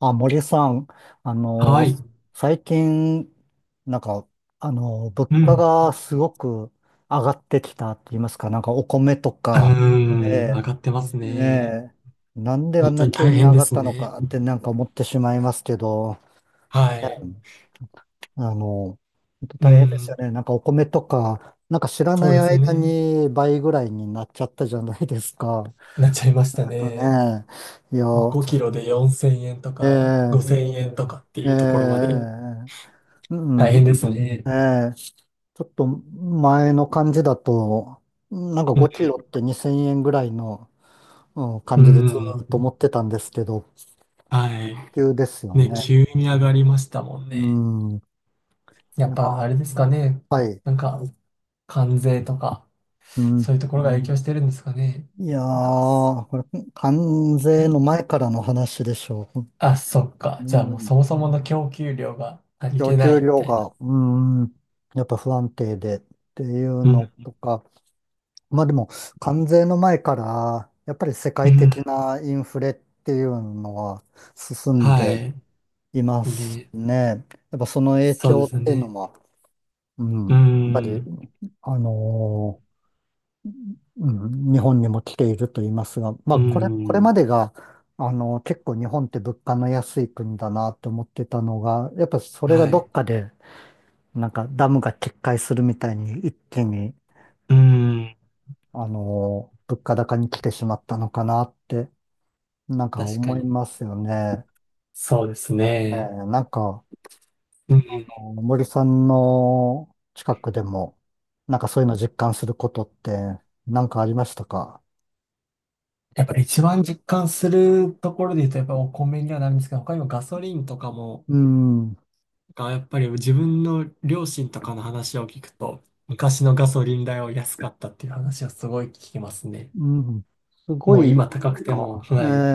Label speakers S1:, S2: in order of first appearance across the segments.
S1: あ、森さん、あ
S2: は
S1: の
S2: い。
S1: ー、最近、なんか、物
S2: う
S1: 価
S2: ん。
S1: がすごく上がってきたって言いますか、なんかお米と
S2: うー
S1: か、
S2: ん。
S1: え
S2: 上がってます
S1: え、
S2: ね。
S1: ええ、なんであ
S2: 本
S1: ん
S2: 当
S1: な
S2: に
S1: 急
S2: 大
S1: に
S2: 変
S1: 上
S2: で
S1: がっ
S2: す
S1: たの
S2: ね。
S1: かってなんか思ってしまいますけど、
S2: は
S1: え
S2: い。
S1: え、本当
S2: う
S1: 大変ですよ
S2: ん。
S1: ね。なんかお米とか、なんか知ら
S2: そ
S1: な
S2: う
S1: い
S2: です
S1: 間
S2: ね。
S1: に倍ぐらいになっちゃったじゃないですか。
S2: なっちゃいました
S1: あと
S2: ね。
S1: ね、いや、
S2: もう5キロで4000円と
S1: え
S2: か
S1: え、
S2: 5000円とかって
S1: ええ、
S2: いうところま
S1: え
S2: で
S1: え、う
S2: 大変で
S1: ん、
S2: すね。
S1: ええ、ちょっと前の感じだと、なんか
S2: うん。
S1: 5キロって2000円ぐらいの、うん、感
S2: う
S1: じでずーっ
S2: ん。
S1: と持ってたんですけど、
S2: はい。
S1: 急ですよ
S2: ね、
S1: ね。
S2: 急に上がりましたもん
S1: う
S2: ね。
S1: ん、
S2: やっぱあれですかね。
S1: はい。
S2: なんか、関税とか、
S1: うん、
S2: そういうところが影響してるんですかね。
S1: いや
S2: なんか
S1: ー、これ、関税の前からの話でしょう。
S2: あ、そっか。
S1: う
S2: じゃあもう
S1: ん、
S2: そもそもの供給量が足り
S1: 供
S2: てな
S1: 給
S2: いみ
S1: 量
S2: たいな。
S1: が、うん、やっぱ不安定でっていう
S2: うん、
S1: のとか、まあでも、関税の前から、やっぱり世
S2: う
S1: 界的
S2: ん、
S1: なインフレっていうのは進ん
S2: は
S1: で
S2: い。
S1: います
S2: ね、
S1: ね。やっぱその影
S2: そう
S1: 響
S2: です
S1: っていうの
S2: ね。
S1: も、うん、や
S2: う
S1: っぱり、
S2: ん、
S1: あのーうん、日本にも来ていると言いますが、ま
S2: う
S1: あこれ、これま
S2: ん、
S1: でが、結構日本って物価の安い国だなと思ってたのが、やっぱそれが
S2: は
S1: どっ
S2: い。
S1: かで、なんかダムが決壊するみたいに一気に、
S2: うん、
S1: 物価高に来てしまったのかなって、なんか
S2: 確か
S1: 思い
S2: に。
S1: ますよね。
S2: そうです
S1: ねえ、
S2: ね。
S1: なんか、
S2: うん、
S1: あの森さんの近くでも、なんかそういうの実感することってなんかありましたか？
S2: やっぱり一番実感するところで言うと、やっぱりお米にはなるんですけど、他にもガソリンとかも、
S1: うん、
S2: がやっぱり自分の両親とかの話を聞くと、昔のガソリン代は安かったっていう話はすごい聞きますね。
S1: うん、すご
S2: もう
S1: い
S2: 今高くても、
S1: か。え
S2: はい。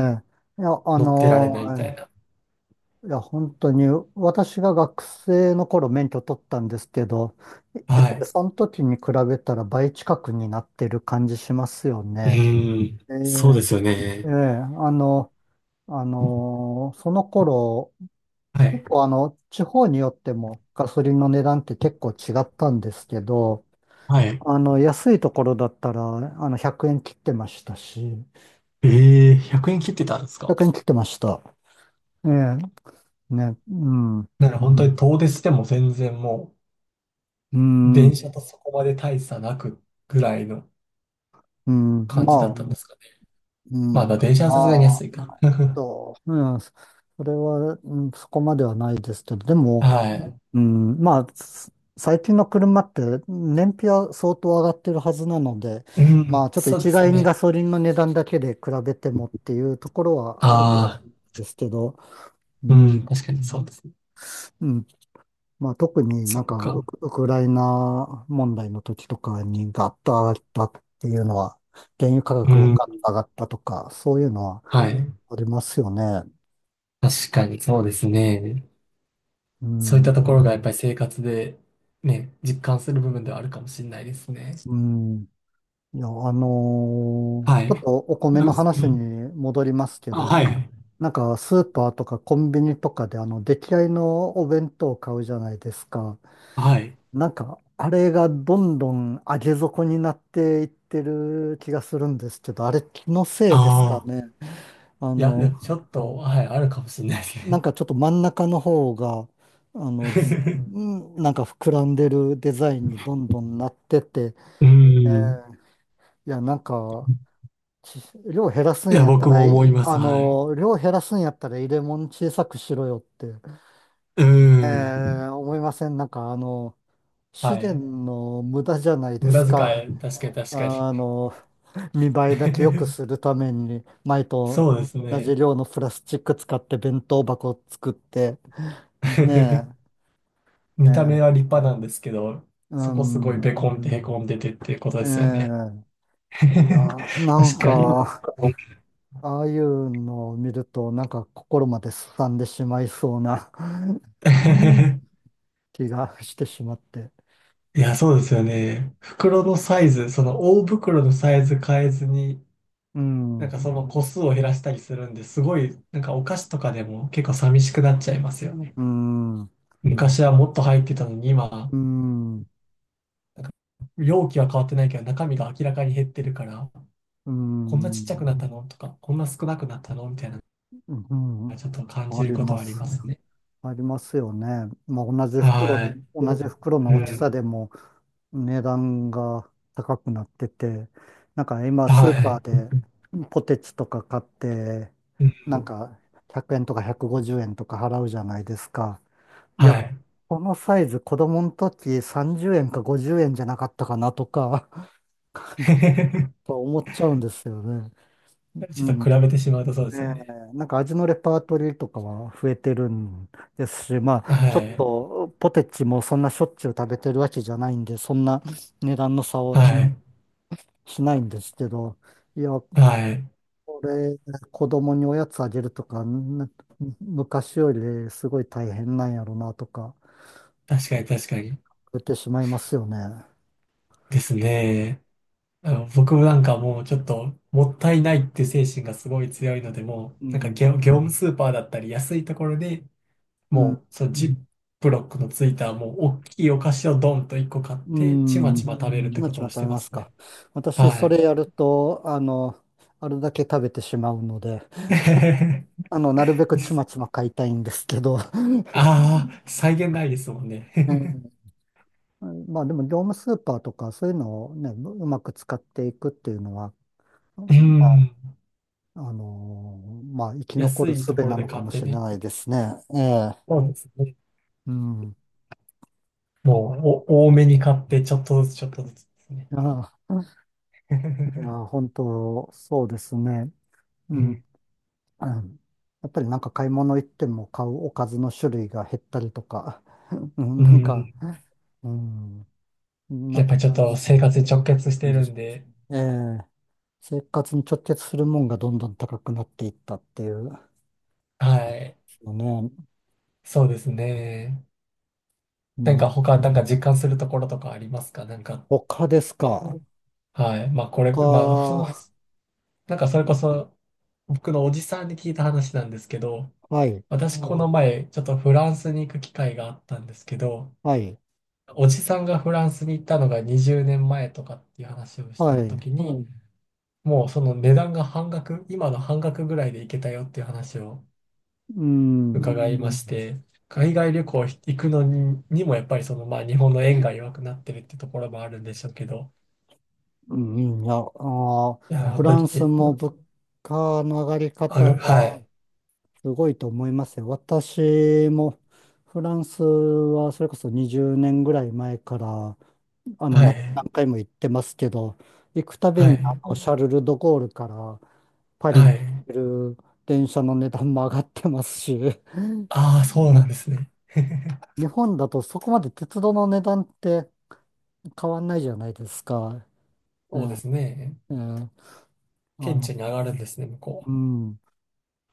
S1: え、いや、
S2: 乗ってられないみたいな。
S1: いや、本当に、私が学生の頃免許取ったんですけど、やっ
S2: は
S1: ぱり
S2: い。
S1: その時に比べたら倍近くになってる感じしますよ
S2: う
S1: ね。
S2: ーん。
S1: え
S2: そうですよ
S1: え、ええ、
S2: ね。
S1: その頃
S2: はい。
S1: 結構地方によってもガソリンの値段って結構違ったんですけど、
S2: はい。
S1: 安いところだったら、100円切ってましたし、
S2: ええ、100円切ってたんですか？
S1: 100円切ってました。ええ、ね、うん、う
S2: なら本当に遠出しても全然もう、
S1: ん、うん、
S2: 電車とそこまで大差なくぐらいの
S1: ま
S2: 感じだっ
S1: あ、
S2: たんですかね。
S1: う
S2: まあ、だ
S1: ん、
S2: から電車はさすがに
S1: まあ、
S2: 安いか。
S1: うん、それは、うん、そこまではないですけど、でも、
S2: は
S1: うん、まあ、最近の車って燃費は相当上がってるはずなので、
S2: い。う
S1: まあ、
S2: ん、
S1: ちょっと
S2: そうで
S1: 一
S2: す
S1: 概に
S2: ね。
S1: ガソリンの値段だけで比べてもっていうところはあるかもし
S2: あ
S1: れないですけど、
S2: あ、
S1: う
S2: う
S1: ん、
S2: ん、確かにそうですね。
S1: うん、まあ、特に
S2: そ
S1: なん
S2: っ
S1: か
S2: か。
S1: ウクライナ問題の時とかにガッと上がったっていうのは、原油価
S2: う
S1: 格が
S2: ん、
S1: ガッと上がったとか、そういうのは
S2: はい。
S1: ありますよね。
S2: 確かにそうですね。
S1: う
S2: そういっ
S1: ん、
S2: たところがやっぱり生活でね、実感する部分ではあるかもしれないですね。
S1: うん、いや、
S2: はい。
S1: ちょっとお米
S2: う
S1: の話に
S2: ん。
S1: 戻りますけ
S2: あ、
S1: ど、
S2: はい。
S1: なんかスーパーとかコンビニとかであの出来合いのお弁当を買うじゃないですか。
S2: はい。
S1: なんかあれがどんどん上げ底になっていってる気がするんですけど、あれ気のせ
S2: あ
S1: いですかね？
S2: あ。
S1: あ
S2: いや、で
S1: の、
S2: もちょっと、はい、あるかもしれないです
S1: な
S2: ね。
S1: んかちょっと真ん中の方が、ず、なんか膨らんでるデザインにどんどんなってて、
S2: う
S1: え
S2: ん。
S1: ーいや、なんか、ち量減らす
S2: い
S1: ん
S2: や、
S1: やった
S2: 僕
S1: ら、
S2: も思います。はい。
S1: 量減らすんやったら入れ物小さくしろよって、
S2: う
S1: え
S2: ん。
S1: 思いません？なんか、資
S2: は
S1: 源
S2: い。
S1: の無駄じゃないで
S2: 無
S1: す
S2: 駄
S1: か。
S2: 遣い、確かに確
S1: あ
S2: か
S1: の、見
S2: に。
S1: 栄えだけ良く するために、前と
S2: そうです
S1: 同じ
S2: ね。
S1: 量のプラスチック使って弁当箱を作って、ね え、
S2: 見た目は立派なんですけど、
S1: う
S2: そこすごい
S1: ん、
S2: ベこんでへこんでてっていうこと
S1: え
S2: ですよね。
S1: ーいや、な
S2: 確
S1: ん
S2: かに。う
S1: か、ああいうのを見ると、なんか心まで荒んでしまいそうな うん 気がしてしまって。
S2: い
S1: う
S2: や、
S1: ん、
S2: そうですよね。袋のサイズ、その大袋のサイズ変えずに、
S1: う
S2: なん
S1: ん、
S2: かその個数を減らしたりするんで、すごい、なんかお菓子とかでも結構寂しくなっちゃいますよね。
S1: うん、
S2: 昔はもっと入ってたのに、今、
S1: う
S2: なんか容器は変わってないけど、中身が明らかに減ってるから、こんなちっちゃ
S1: ん、
S2: くなったのとか、こんな少なくなったのみたいなの
S1: うん、
S2: がちょっと感
S1: あ
S2: じる
S1: り
S2: こと
S1: ま
S2: はあり
S1: す
S2: ま
S1: ね。
S2: すね。
S1: ありますよね。まあ、同じ袋
S2: は
S1: で、同じ袋
S2: い。
S1: の
S2: う
S1: 大き
S2: ん。
S1: さでも値段が高くなってて、なんか今ス
S2: は
S1: ーパー
S2: い。
S1: でポテチとか買って、
S2: うん
S1: なんか100円とか150円とか払うじゃないですか。い
S2: は
S1: や、
S2: い。
S1: このサイズ子供の時30円か50円じゃなかったかなとか と思っちゃうんですよね。う
S2: ちょっと
S1: ん。
S2: 比べてしまうとそうで
S1: ええ、
S2: すよね。
S1: なんか味のレパートリーとかは増えてるんですし、ま
S2: は
S1: あ、ちょっ
S2: い。
S1: とポテチもそんなしょっちゅう食べてるわけじゃないんで、そんな値段の差を
S2: は
S1: 気に
S2: い。
S1: しないんですけど、いや、こ
S2: はい。
S1: れ、子供におやつあげるとか、昔よりすごい大変なんやろなとか、
S2: 確かに確かに。
S1: 言ってしまいますよね。
S2: ですね。あの僕もなんかもうちょっともったいないって精神がすごい強いので、も
S1: う
S2: うなんか
S1: ん。
S2: 業務スーパーだったり安いところでもうそのジップロックのついたもう大きいお菓子をドンと一個買っ
S1: う
S2: てちまち
S1: ん。
S2: ま食べるっ
S1: ち
S2: て
S1: ま
S2: こ
S1: ち
S2: と
S1: ま
S2: をし
S1: 食べ
S2: てま
S1: ます
S2: すね。
S1: か？私、
S2: は
S1: それや
S2: い。
S1: ると、あれだけ食べてしまうので、なるべくちまちま買いたいんですけど、
S2: ああ、際限ないですもんね。
S1: うん、まあでも、業務スーパーとか、そういうのをね、うまく使っていくっていうのは、
S2: う
S1: まあ、
S2: ん。
S1: まあ、生き残
S2: 安
S1: る
S2: い
S1: 術
S2: ところ
S1: な
S2: で
S1: のか
S2: 買っ
S1: も
S2: て
S1: しれ
S2: ね。
S1: ないですね。ええ。
S2: そうですね。
S1: うん。
S2: もうお多めに買ってちょっとずつちょっとずつですね。
S1: いや、いや、本当、そうですね。う
S2: う
S1: ん、
S2: ん。
S1: うん、やっぱりなんか買い物行っても買うおかずの種類が減ったりとか、うん、
S2: う
S1: なんか、
S2: ん
S1: うん、な
S2: や
S1: ん
S2: っぱ
S1: か
S2: りちょっ
S1: なんだ
S2: と
S1: そん
S2: 生
S1: な
S2: 活に直結して
S1: 感
S2: る
S1: じし
S2: ん
S1: ます。
S2: で、
S1: ええ、生活に直結するもんがどんどん高くなっていったっていう、で
S2: はい。
S1: すよね。
S2: そうですね。
S1: う
S2: なんか
S1: ん、
S2: 他、なんか実感するところとかありますかなんか、
S1: 他です
S2: ま
S1: か。
S2: あ、はい。まあこれ、まあ、その、
S1: 他、
S2: なんかそれこそ僕のおじさんに聞いた話なんですけど、
S1: はい、
S2: 私この前、ちょっとフランスに行く機会があったんですけど、
S1: はい、
S2: おじさんがフランスに行ったのが20年前とかっていう話をし
S1: は
S2: た
S1: い。
S2: 時に、もうその値段が半額、今の半額ぐらいで行けたよっていう話を
S1: うん、
S2: 伺いまして、海外旅行行くのに、にもやっぱりその、まあ、日本の円が弱くなってるってところもあるんでしょうけど、
S1: うん、いや、
S2: いや、あ
S1: フ
S2: 本
S1: ラ
S2: の、当
S1: ン
S2: に、
S1: ス
S2: え
S1: も物価の上がり
S2: あ、
S1: 方
S2: は
S1: は、
S2: い、
S1: すごいと思いますよ。私もフランスはそれこそ20年ぐらい前から
S2: は
S1: 何
S2: い、
S1: 回も行ってますけど、行くたび
S2: は
S1: に
S2: い、
S1: シャルル・ド・ゴールからパリに
S2: はい。
S1: 行ける電車の値段も上がってますし、
S2: ああ、そうなんですね。
S1: 日本だとそこまで鉄道の値段って変わんないじゃないですか。え
S2: そうです
S1: え、
S2: ね。
S1: ええ、あ
S2: 顕
S1: の、
S2: 著に上がるんですね、向こ
S1: うん。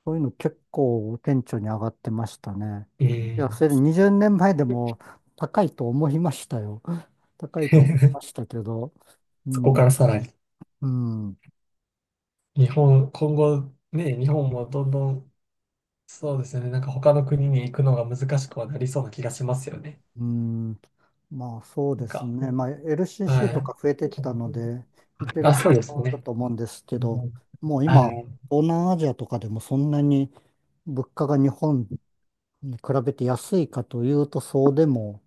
S1: そういうの結構顕著に上がってましたね。
S2: うは。う
S1: いや、
S2: ん。
S1: それで20年前でも高いと思いましたよ。高いと思いまし たけど、う
S2: そこか
S1: ん、
S2: らさらに。
S1: うん、
S2: 日本、今後、ね、日本もどんどん、そうですよね、なんか他の国に行くのが難しくはなりそうな気がしますよね。
S1: うん、まあそう
S2: なん
S1: です
S2: か、
S1: ね。まあ
S2: は
S1: LCC と
S2: い。
S1: か増えてきたので、行ける
S2: あ、
S1: と
S2: そうで
S1: こ
S2: す
S1: ろはある
S2: ね。
S1: と思うんですけど、もう
S2: は
S1: 今、
S2: い。
S1: 東南アジアとかでもそんなに物価が日本に比べて安いかというとそうでも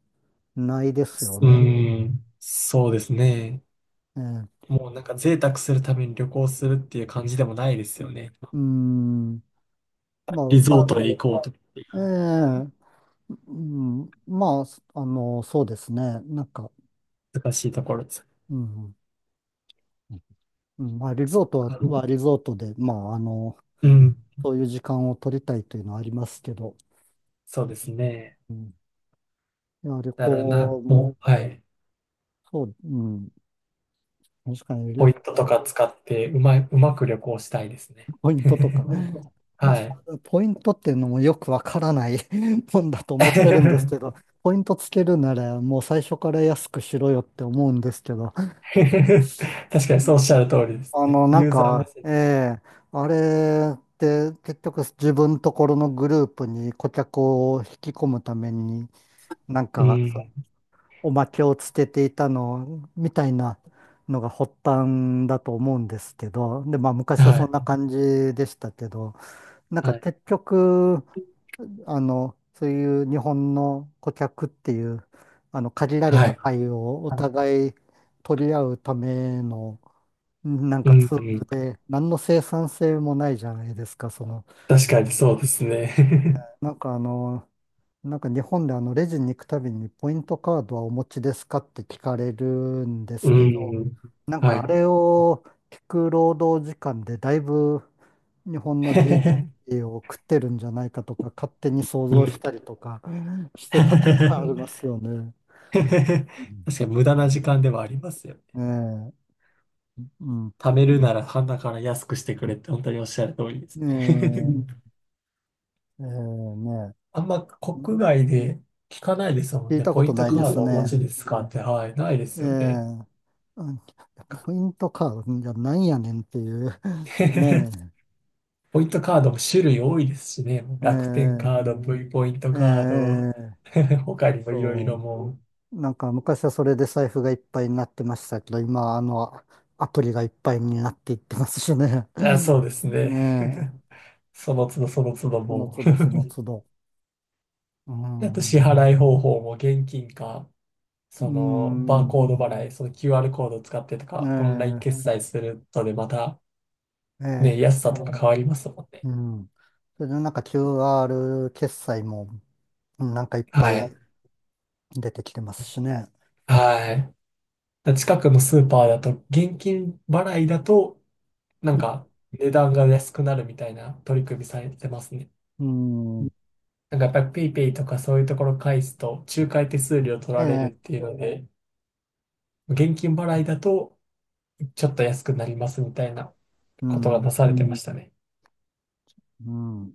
S1: ないですよ
S2: う
S1: ね。
S2: ん、そうですね。
S1: ええ、
S2: もうなんか贅沢するために旅行するっていう感じでもないですよね。
S1: うん、まあ、
S2: リゾートへ行こうとかっていう
S1: ええ、うん、まあ、そうですね。なんか、
S2: 難しいところです。
S1: うん、うん、まあ、リ
S2: そ
S1: ゾー
S2: っ
S1: トは、
S2: か。
S1: はリゾートで、まあ、
S2: うん、
S1: そういう時間を取りたいというのはありますけど、
S2: そうですね。
S1: うん、いや、旅
S2: だからな、
S1: 行
S2: も
S1: も、
S2: う、はい。
S1: そう、うん、確かに、
S2: ポイントとか使ってうまく旅行したいですね。
S1: ポイントとか、
S2: は
S1: 私
S2: い。
S1: ポイントっていうのもよくわからない もんだと思ってるんですけど、ポイントつけるなら、もう最初から安くしろよって思うんですけど、です
S2: 確か
S1: か
S2: にそうお
S1: ね？
S2: っしゃる通りですね。
S1: なん
S2: ユーザー目
S1: か、
S2: 線。
S1: ええ、あれって結局自分ところのグループに顧客を引き込むために、なん
S2: う
S1: か、そう
S2: ん。
S1: おまけをつけていたの、みたいなのが発端だと思うんですけど、で、まあ昔は
S2: は
S1: そんな
S2: い。
S1: 感じでしたけど、なんか
S2: はい。
S1: 結局、そういう日本の顧客っていう、限られ
S2: は
S1: た
S2: い。
S1: 愛をお互い取り合うためのなん
S2: う
S1: か
S2: ん。
S1: ツー
S2: う
S1: ル
S2: ん
S1: で、何の生産性もないじゃないですか。その、
S2: 確かにそうですね。
S1: なんかなんか日本でレジに行くたびにポイントカードはお持ちですかって聞かれるんで
S2: う
S1: すけど、
S2: ん。
S1: なん
S2: は
S1: かあ
S2: い。
S1: れを聞く労働時間でだいぶ日本の GDP を食ってるんじゃないかとか勝手に想
S2: う
S1: 像し
S2: ん
S1: たりとかしてたことあります よね。
S2: 確
S1: うん、
S2: かに無駄な時間ではありますよね。
S1: ええ、うん、
S2: 貯めるなら鼻から安くしてくれって本当におっしゃる通りですね。う
S1: え
S2: ん。
S1: え、ええ、ね
S2: あんま
S1: え、う
S2: 国
S1: ん、
S2: 外で聞かないですもん
S1: 聞い
S2: ね。
S1: たこ
S2: ポイ
S1: と
S2: ント
S1: ない
S2: カ
S1: で
S2: ー
S1: す
S2: ドお持ち
S1: ね。
S2: ですかって、はい、ないで
S1: え
S2: すよね。
S1: え、うん、ポイントカードじゃなんやねんっていう。ね
S2: ポイントカードも種類多いですしね。もう楽天
S1: え。え
S2: カード、V ポイント
S1: え、え
S2: カード、
S1: え、
S2: 他にもいろいろ
S1: そ
S2: もう。
S1: う。なんか昔はそれで財布がいっぱいになってましたけど、今はアプリがいっぱいになっていってますしね。
S2: あ、そうです
S1: ねえ。
S2: ね。その都度その都度
S1: その
S2: も
S1: 都
S2: う、
S1: 度その都度。う
S2: あと支
S1: ん。う
S2: 払い方法も現金か、
S1: ー
S2: そのバー
S1: ん。
S2: コード払い、その QR コードを使ってとか、オンライン
S1: え
S2: 決済するとでまたね、
S1: え、
S2: 安
S1: ええ、
S2: さとか変わりますもんね。
S1: うん。それでなんか QR 決済もなんかいっぱ
S2: はい。
S1: い出てきてますしね。
S2: はい。だ近くのスーパーだと、現金払いだと、なんか値段が安くなるみたいな取り組みされてますね。
S1: うん。
S2: なんかやっぱりペイペイとかそういうところ返すと、仲介手数料取
S1: え
S2: られるっ
S1: え、
S2: ていうので、現金払いだとちょっと安くなりますみたいな
S1: う
S2: ことが
S1: ん、
S2: なされてましたね。
S1: うん。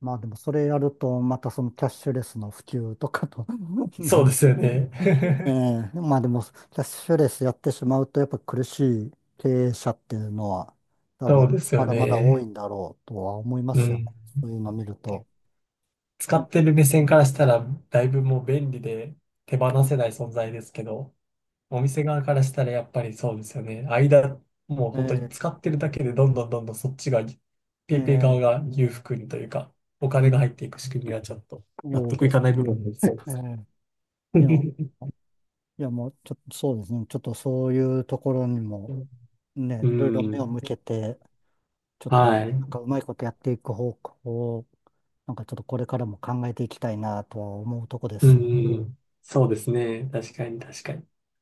S1: まあでもそれやると、またそのキャッシュレスの普及とかと
S2: そう
S1: ね、
S2: ですよね。
S1: え え、まあでも、キャッシュレスやってしまうと、やっぱ苦しい経営者っていうのは、多分、
S2: そうです
S1: ま
S2: よ
S1: だまだ多
S2: ね。
S1: いんだろうとは思いま
S2: う
S1: すよ
S2: ん。
S1: ね。そういうの見ると。
S2: 使
S1: ね
S2: ってる目線からしたら、だいぶもう便利で手放せない存在ですけど、お店側からしたらやっぱりそうですよね。間、もう本当に
S1: え
S2: 使ってるだけでどんどんどんどんそっちが、
S1: え、
S2: ペ
S1: え
S2: イペイ側
S1: え、
S2: が裕福にというか、お
S1: う
S2: 金が
S1: ん、
S2: 入っていく仕組みはちょっと納
S1: そう
S2: 得い
S1: で
S2: か
S1: す
S2: ない部分もありそ
S1: ね。
S2: うで
S1: え
S2: す。
S1: え、いや、いやもう、ちょっとそうですね。ちょっとそういうところにも、ね、
S2: う
S1: いろいろ目を向
S2: ん。
S1: けて、ちょっと、
S2: はい。
S1: なんかうまいことやっていく方向を、なんかちょっとこれからも考えていきたいなとは思うとこで
S2: う
S1: すよね。
S2: ん。そうですね。確かに確かに。